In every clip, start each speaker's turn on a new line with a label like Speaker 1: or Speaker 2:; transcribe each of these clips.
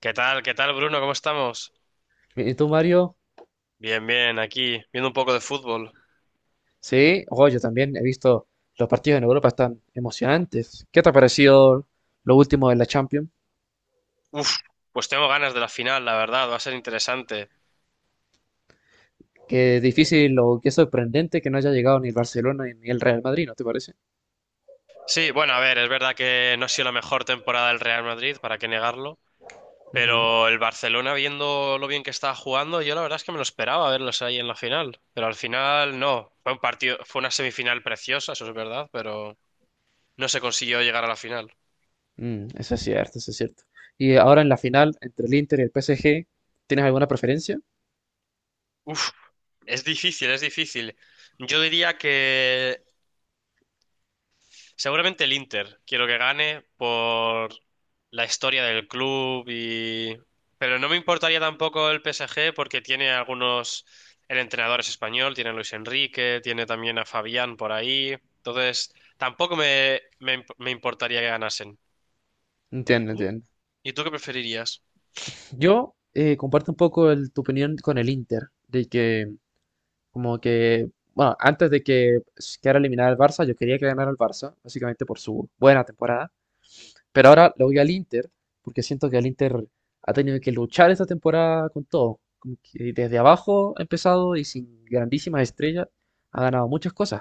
Speaker 1: ¿Qué tal? ¿Qué tal, Bruno? ¿Cómo estamos?
Speaker 2: ¿Y tú, Mario?
Speaker 1: Bien, bien, aquí, viendo un poco de fútbol.
Speaker 2: Sí, oh, yo también he visto los partidos en Europa, están emocionantes. ¿Qué te ha parecido lo último de la Champions?
Speaker 1: Uf, pues tengo ganas de la final, la verdad, va a ser interesante.
Speaker 2: Qué difícil o qué sorprendente que no haya llegado ni el Barcelona ni el Real Madrid, ¿no te parece?
Speaker 1: Sí, bueno, a ver, es verdad que no ha sido la mejor temporada del Real Madrid, para qué negarlo,
Speaker 2: Ujú.
Speaker 1: pero el Barcelona, viendo lo bien que estaba jugando, yo la verdad es que me lo esperaba verlos ahí en la final, pero al final no. Fue un partido, fue una semifinal preciosa, eso es verdad, pero no se consiguió llegar a la final.
Speaker 2: Mm, eso es cierto, eso es cierto. Y ahora en la final entre el Inter y el PSG, ¿tienes alguna preferencia?
Speaker 1: Uf, es difícil, es difícil. Yo diría que seguramente el Inter. Quiero que gane por la historia del club y... Pero no me importaría tampoco el PSG porque tiene algunos... El entrenador es español, tiene a Luis Enrique, tiene también a Fabián por ahí. Entonces, tampoco me importaría que ganasen. ¿Y
Speaker 2: Entiendo,
Speaker 1: tú?
Speaker 2: entiendo.
Speaker 1: ¿Y tú qué preferirías?
Speaker 2: Yo comparto un poco tu opinión con el Inter, de que... bueno, antes de que quedara eliminada el Barça, yo quería que ganara el Barça, básicamente por su buena temporada. Pero ahora lo voy al Inter, porque siento que el Inter ha tenido que luchar esta temporada con todo. Como que desde abajo ha empezado y sin grandísimas estrellas ha ganado muchas cosas.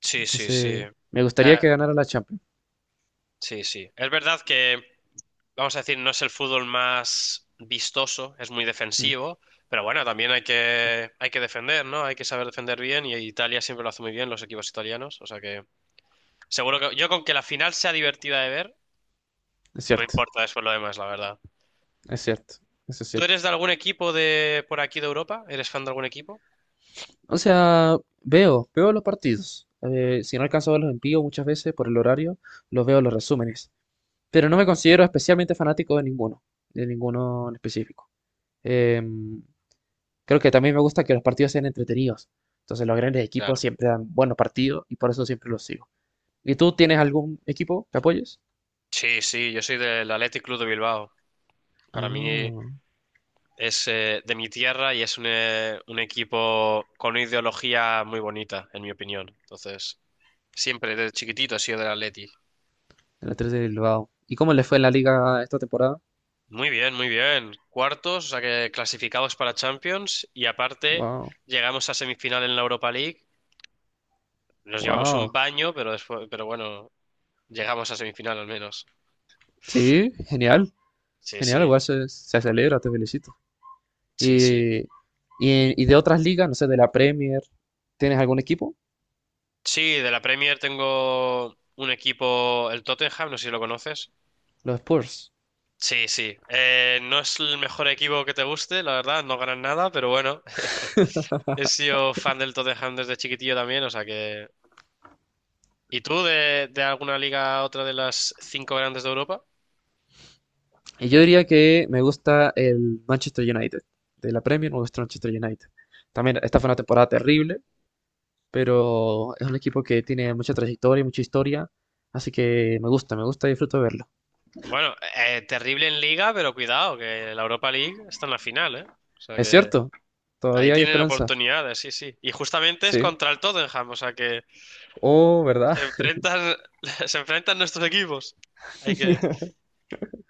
Speaker 1: Sí, sí, sí.
Speaker 2: Entonces, me
Speaker 1: Eh,
Speaker 2: gustaría que ganara la Champions.
Speaker 1: sí, sí. Es verdad que, vamos a decir, no es el fútbol más vistoso, es muy
Speaker 2: Mm,
Speaker 1: defensivo, pero bueno, también hay que defender, ¿no? Hay que saber defender bien y Italia siempre lo hace muy bien, los equipos italianos, o sea que seguro que yo, con que la final sea divertida de ver,
Speaker 2: es
Speaker 1: no me
Speaker 2: cierto,
Speaker 1: importa después lo demás, la verdad.
Speaker 2: es cierto, eso es
Speaker 1: ¿Tú
Speaker 2: cierto.
Speaker 1: eres de algún equipo de por aquí de Europa? ¿Eres fan de algún equipo?
Speaker 2: O sea, veo los partidos. Si no alcanzo a verlos en vivo muchas veces por el horario, los veo en los resúmenes. Pero no me considero especialmente fanático de ninguno en específico. Em, Creo que también me gusta que los partidos sean entretenidos. Entonces los grandes equipos
Speaker 1: Claro.
Speaker 2: siempre dan buenos partidos y por eso siempre los sigo. ¿Y tú tienes algún equipo que apoyes?
Speaker 1: Sí, sí, yo soy del Athletic Club de Bilbao. Para mí
Speaker 2: Ah,
Speaker 1: es, de mi tierra y es un equipo con una ideología muy bonita, en mi opinión. Entonces... Siempre, desde chiquitito he sido del Atleti.
Speaker 2: el a de Bilbao. ¿Y cómo les fue en la liga esta temporada?
Speaker 1: Muy bien, muy bien. Cuartos, o sea que clasificados para Champions y aparte
Speaker 2: Wow,
Speaker 1: llegamos a semifinal en la Europa League. Nos llevamos un
Speaker 2: wow.
Speaker 1: baño, pero después, pero bueno, llegamos a semifinal al menos.
Speaker 2: Sí, genial,
Speaker 1: Sí,
Speaker 2: genial,
Speaker 1: sí,
Speaker 2: igual se celebra, te felicito.
Speaker 1: sí, sí.
Speaker 2: Y, y, y de otras ligas, no sé, de la Premier, ¿tienes algún equipo?
Speaker 1: Sí, de la Premier tengo un equipo, el Tottenham, no sé si lo conoces.
Speaker 2: Los Spurs.
Speaker 1: Sí, sí. No es el mejor equipo que te guste, la verdad, no ganan nada, pero bueno, he sido fan del Tottenham desde chiquitillo también, o sea que ¿y tú de alguna liga a otra de las cinco grandes de Europa?
Speaker 2: Y yo diría que me gusta el Manchester United. De la Premier me gusta el Manchester United. También esta fue una temporada terrible, pero es un equipo que tiene mucha trayectoria y mucha historia. Así que me gusta y disfruto de verlo.
Speaker 1: Bueno, terrible en liga, pero cuidado, que la Europa League está en la final, ¿eh? O sea
Speaker 2: Es
Speaker 1: que
Speaker 2: cierto,
Speaker 1: ahí
Speaker 2: todavía hay
Speaker 1: tienen
Speaker 2: esperanza.
Speaker 1: oportunidades, sí, sí. Y justamente es
Speaker 2: Sí.
Speaker 1: contra el Tottenham, o sea que
Speaker 2: Oh, ¿verdad?
Speaker 1: se enfrentan, se enfrentan nuestros equipos. Hay que,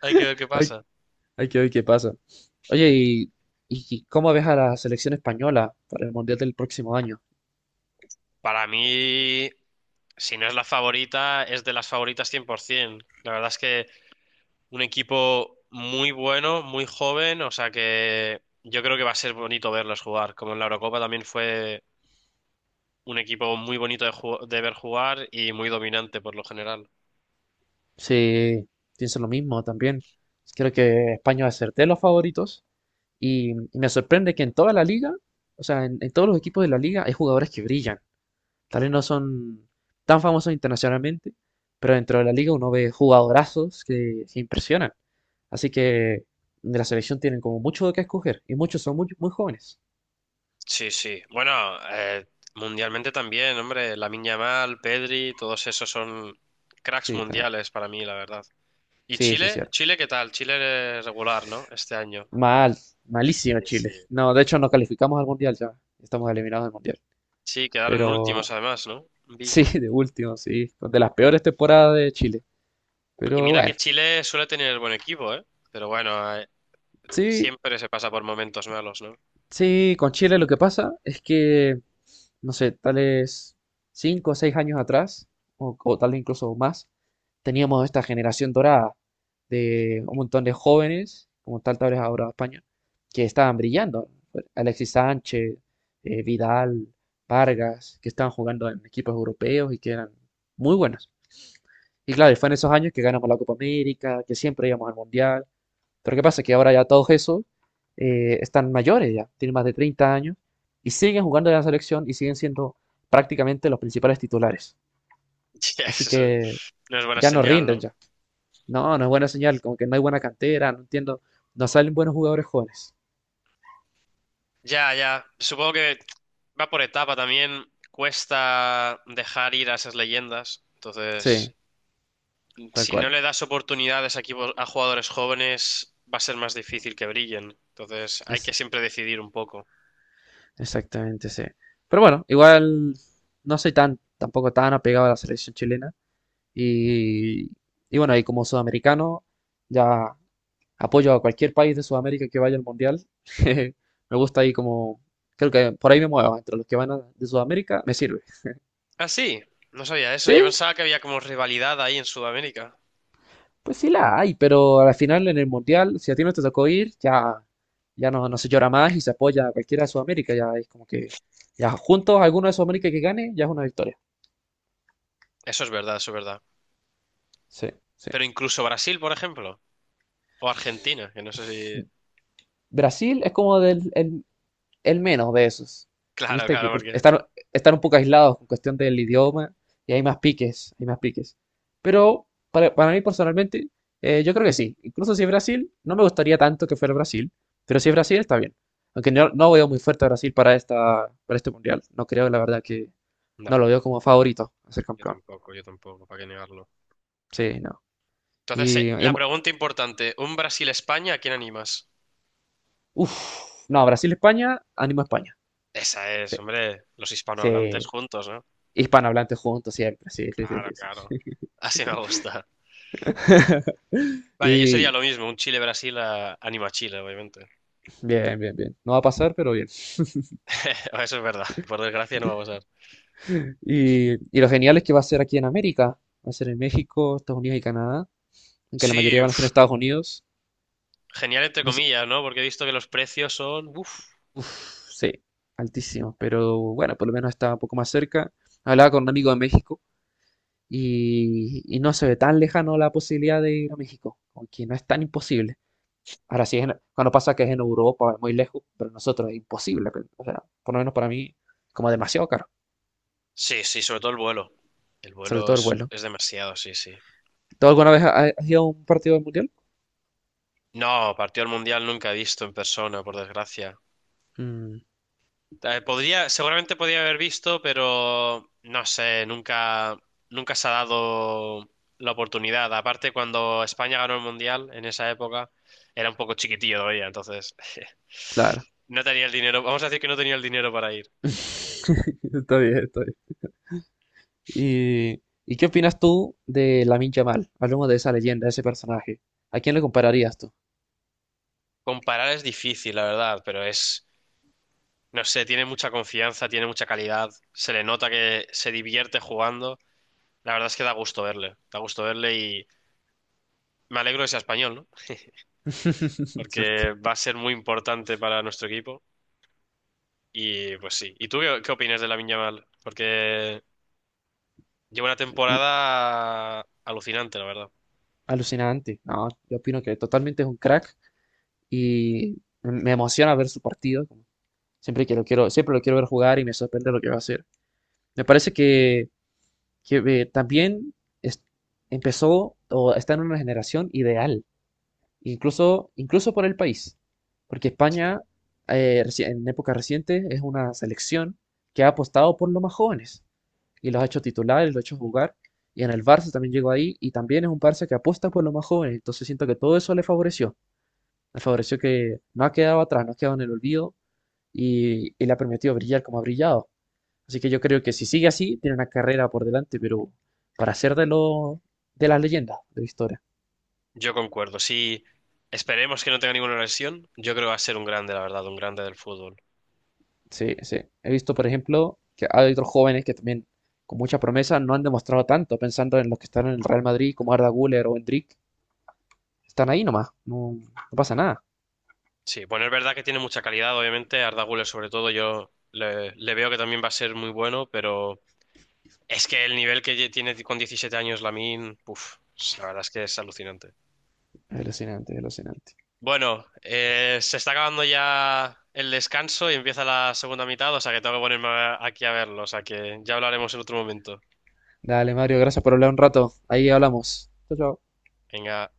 Speaker 1: Hay que ver qué
Speaker 2: Hay,
Speaker 1: pasa.
Speaker 2: hay que ver qué pasa. Oye, ¿y cómo ves a la selección española para el Mundial del próximo año?
Speaker 1: Para mí, si no es la favorita, es de las favoritas 100%. La verdad es que un equipo muy bueno, muy joven, o sea que yo creo que va a ser bonito verlos jugar. Como en la Eurocopa también fue un equipo muy bonito de de ver jugar y muy dominante por lo general.
Speaker 2: Sí, pienso lo mismo también. Creo que España va a ser de los favoritos. Y me sorprende que en toda la liga, o sea, en todos los equipos de la liga hay jugadores que brillan. Tal vez no son tan famosos internacionalmente, pero dentro de la liga uno ve jugadorazos que impresionan. Así que de la selección tienen como mucho de qué escoger y muchos son muy, muy jóvenes.
Speaker 1: Sí, sí. Bueno, eh, mundialmente también, hombre. Lamine Yamal, Pedri, todos esos son cracks
Speaker 2: Sí, también.
Speaker 1: mundiales para mí, la verdad. ¿Y
Speaker 2: Sí, sí,
Speaker 1: Chile?
Speaker 2: cierto.
Speaker 1: ¿Chile qué tal? Chile, regular, ¿no? Este año.
Speaker 2: Mal, malísimo
Speaker 1: Sí,
Speaker 2: Chile.
Speaker 1: sí.
Speaker 2: No, de hecho no calificamos al mundial ya. Estamos eliminados del mundial.
Speaker 1: Sí, quedaron
Speaker 2: Pero
Speaker 1: últimos además, ¿no? Vi.
Speaker 2: sí, de último, sí. De las peores temporadas de Chile.
Speaker 1: Y
Speaker 2: Pero
Speaker 1: mira que
Speaker 2: bueno,
Speaker 1: Chile suele tener buen equipo, ¿eh? Pero bueno,
Speaker 2: sí,
Speaker 1: siempre se pasa por momentos malos, ¿no?
Speaker 2: sí, con Chile lo que pasa es que, no sé, tales cinco o seis años atrás, o tal vez incluso más, teníamos esta generación dorada de un montón de jóvenes, como tal vez ahora España, que estaban brillando. Alexis Sánchez, Vidal, Vargas, que estaban jugando en equipos europeos y que eran muy buenos. Y claro, y fue en esos años que ganamos la Copa América, que siempre íbamos al Mundial. Pero ¿qué pasa? Que ahora ya todos esos están mayores ya, tienen más de 30 años y siguen jugando en la selección y siguen siendo prácticamente los principales titulares.
Speaker 1: Ya,
Speaker 2: Así
Speaker 1: eso
Speaker 2: que
Speaker 1: no es buena
Speaker 2: ya no
Speaker 1: señal,
Speaker 2: rinden
Speaker 1: ¿no?
Speaker 2: ya. No, no es buena señal, como que no hay buena cantera, no entiendo, no salen buenos jugadores jóvenes.
Speaker 1: Ya, ya. Supongo que va por etapa también. Cuesta dejar ir a esas leyendas. Entonces,
Speaker 2: Sí, tal
Speaker 1: si no
Speaker 2: cual.
Speaker 1: le das oportunidades a equipos, a jugadores jóvenes, va a ser más difícil que brillen. Entonces, hay que
Speaker 2: Es
Speaker 1: siempre decidir un poco.
Speaker 2: exactamente, sí. Pero bueno, igual no soy tan, tampoco tan apegado a la selección chilena. Y, y bueno, y como sudamericano, ya... Apoyo a cualquier país de Sudamérica que vaya al Mundial. Me gusta ahí como... Creo que por ahí me muevo. Entre los que de Sudamérica, me sirve.
Speaker 1: Ah, sí, no sabía eso. Yo
Speaker 2: Sí,
Speaker 1: pensaba que había como rivalidad ahí en Sudamérica.
Speaker 2: pues sí la hay, pero al final en el Mundial, si a ti no te tocó ir, ya, ya no, no se llora más y se apoya a cualquiera de Sudamérica. Ya es como que... Ya juntos, alguno de Sudamérica que gane, ya es una victoria.
Speaker 1: Eso es verdad, eso es verdad.
Speaker 2: Sí, sí.
Speaker 1: Pero incluso Brasil, por ejemplo, o Argentina, que no sé si.
Speaker 2: Brasil es como el menos de esos.
Speaker 1: Claro,
Speaker 2: Viste
Speaker 1: claro,
Speaker 2: que porque
Speaker 1: porque.
Speaker 2: están un poco aislados con cuestión del idioma y hay más piques, hay más piques. Pero para mí personalmente, yo creo que sí. Incluso si es Brasil, no me gustaría tanto que fuera Brasil, pero si es Brasil está bien. Aunque no, no veo muy fuerte a Brasil para para este mundial. No creo, la verdad, que
Speaker 1: No,
Speaker 2: no lo veo
Speaker 1: no.
Speaker 2: como favorito a ser campeón.
Speaker 1: Yo tampoco, ¿para qué negarlo?
Speaker 2: Sí, no.
Speaker 1: Entonces,
Speaker 2: Y, y
Speaker 1: la pregunta importante, ¿un Brasil-España a quién animas?
Speaker 2: uff, no, Brasil-España, ánimo España.
Speaker 1: Esa
Speaker 2: Sí,
Speaker 1: es, hombre, los hispanohablantes
Speaker 2: sí.
Speaker 1: juntos, ¿no?
Speaker 2: Hispanohablantes juntos siempre, sí, sí, sí,
Speaker 1: Claro,
Speaker 2: sí, sí.
Speaker 1: claro. Así me gusta. Vaya, yo sería
Speaker 2: Y
Speaker 1: lo mismo, un Chile-Brasil a... anima a Chile, obviamente.
Speaker 2: bien, bien, bien. No va a pasar, pero bien.
Speaker 1: Eso es verdad, por desgracia no va a pasar.
Speaker 2: Y lo genial es que va a ser aquí en América. Va a ser en México, Estados Unidos y Canadá. Aunque la
Speaker 1: Sí,
Speaker 2: mayoría van a
Speaker 1: uf,
Speaker 2: ser en Estados Unidos.
Speaker 1: genial entre
Speaker 2: No sé.
Speaker 1: comillas, ¿no? Porque he visto que los precios son... Uf.
Speaker 2: Uf, sí, altísimo. Pero bueno, por lo menos está un poco más cerca. Hablaba con un amigo de México y no se ve tan lejano la posibilidad de ir a México. Aunque no es tan imposible. Ahora sí, es cuando pasa que es en Europa, es muy lejos, pero nosotros es imposible. Pero, o sea, por lo menos para mí, como demasiado caro.
Speaker 1: Sí, sí, sobre todo el vuelo.
Speaker 2: Sobre todo el vuelo.
Speaker 1: Es demasiado, sí, sí.
Speaker 2: ¿Tú alguna vez has ido a un partido del mundial?
Speaker 1: No, partido del Mundial nunca he visto en persona, por desgracia.
Speaker 2: Mm.
Speaker 1: Podría, seguramente podría haber visto, pero no sé, nunca se ha dado la oportunidad. Aparte, cuando España ganó el Mundial en esa época, era un poco chiquitillo todavía, entonces
Speaker 2: Claro.
Speaker 1: no tenía el dinero. Vamos a decir que no tenía el dinero para ir.
Speaker 2: Está bien, está bien. Y qué opinas tú de Lamine Yamal? Hablemos de esa leyenda, de ese personaje. ¿A quién le compararías tú?
Speaker 1: Comparar es difícil, la verdad, no sé, tiene mucha confianza, tiene mucha calidad, se le nota que se divierte jugando. La verdad es que da gusto verle y me alegro de ser español, ¿no? Porque
Speaker 2: Cierto.
Speaker 1: va a ser muy importante para nuestro equipo. Y pues sí. ¿Y tú qué opinas de Lamine Yamal? Porque lleva una
Speaker 2: Mm,
Speaker 1: temporada alucinante, la verdad.
Speaker 2: alucinante. No, yo opino que totalmente es un crack y me emociona ver su partido. Como... Siempre que lo quiero, siempre lo quiero ver jugar y me sorprende lo que va a hacer. Me parece que, también es- empezó o está en una generación ideal. Incluso, incluso por el país, porque
Speaker 1: Sí.
Speaker 2: España en épocas recientes es una selección que ha apostado por los más jóvenes y los ha hecho titulares, los ha hecho jugar, y en el Barça también llegó ahí y también es un Barça que apuesta por los más jóvenes, entonces siento que todo eso le favoreció que no ha quedado atrás, no ha quedado en el olvido y le ha permitido brillar como ha brillado. Así que yo creo que si sigue así, tiene una carrera por delante, pero para ser de, lo, de las leyendas de la historia.
Speaker 1: Yo concuerdo. Sí, esperemos que no tenga ninguna lesión. Yo creo que va a ser un grande, la verdad, un grande del fútbol.
Speaker 2: Sí, sí. He visto, por ejemplo, que hay otros jóvenes que también con mucha promesa no han demostrado tanto, pensando en los que están en el Real Madrid, como Arda Güler o Endrick. Están ahí nomás, no, no pasa nada.
Speaker 1: Sí, bueno, es verdad que tiene mucha calidad, obviamente. Arda Güler, sobre todo, yo le veo que también va a ser muy bueno, pero es que el nivel que tiene con 17 años Lamine, puf, la verdad es que es alucinante.
Speaker 2: Es alucinante, es alucinante.
Speaker 1: Bueno, se está acabando ya el descanso y empieza la segunda mitad, o sea que tengo que ponerme aquí a verlo, o sea que ya hablaremos en otro momento.
Speaker 2: Dale, Mario, gracias por hablar un rato. Ahí hablamos. Chao, chao.
Speaker 1: Venga.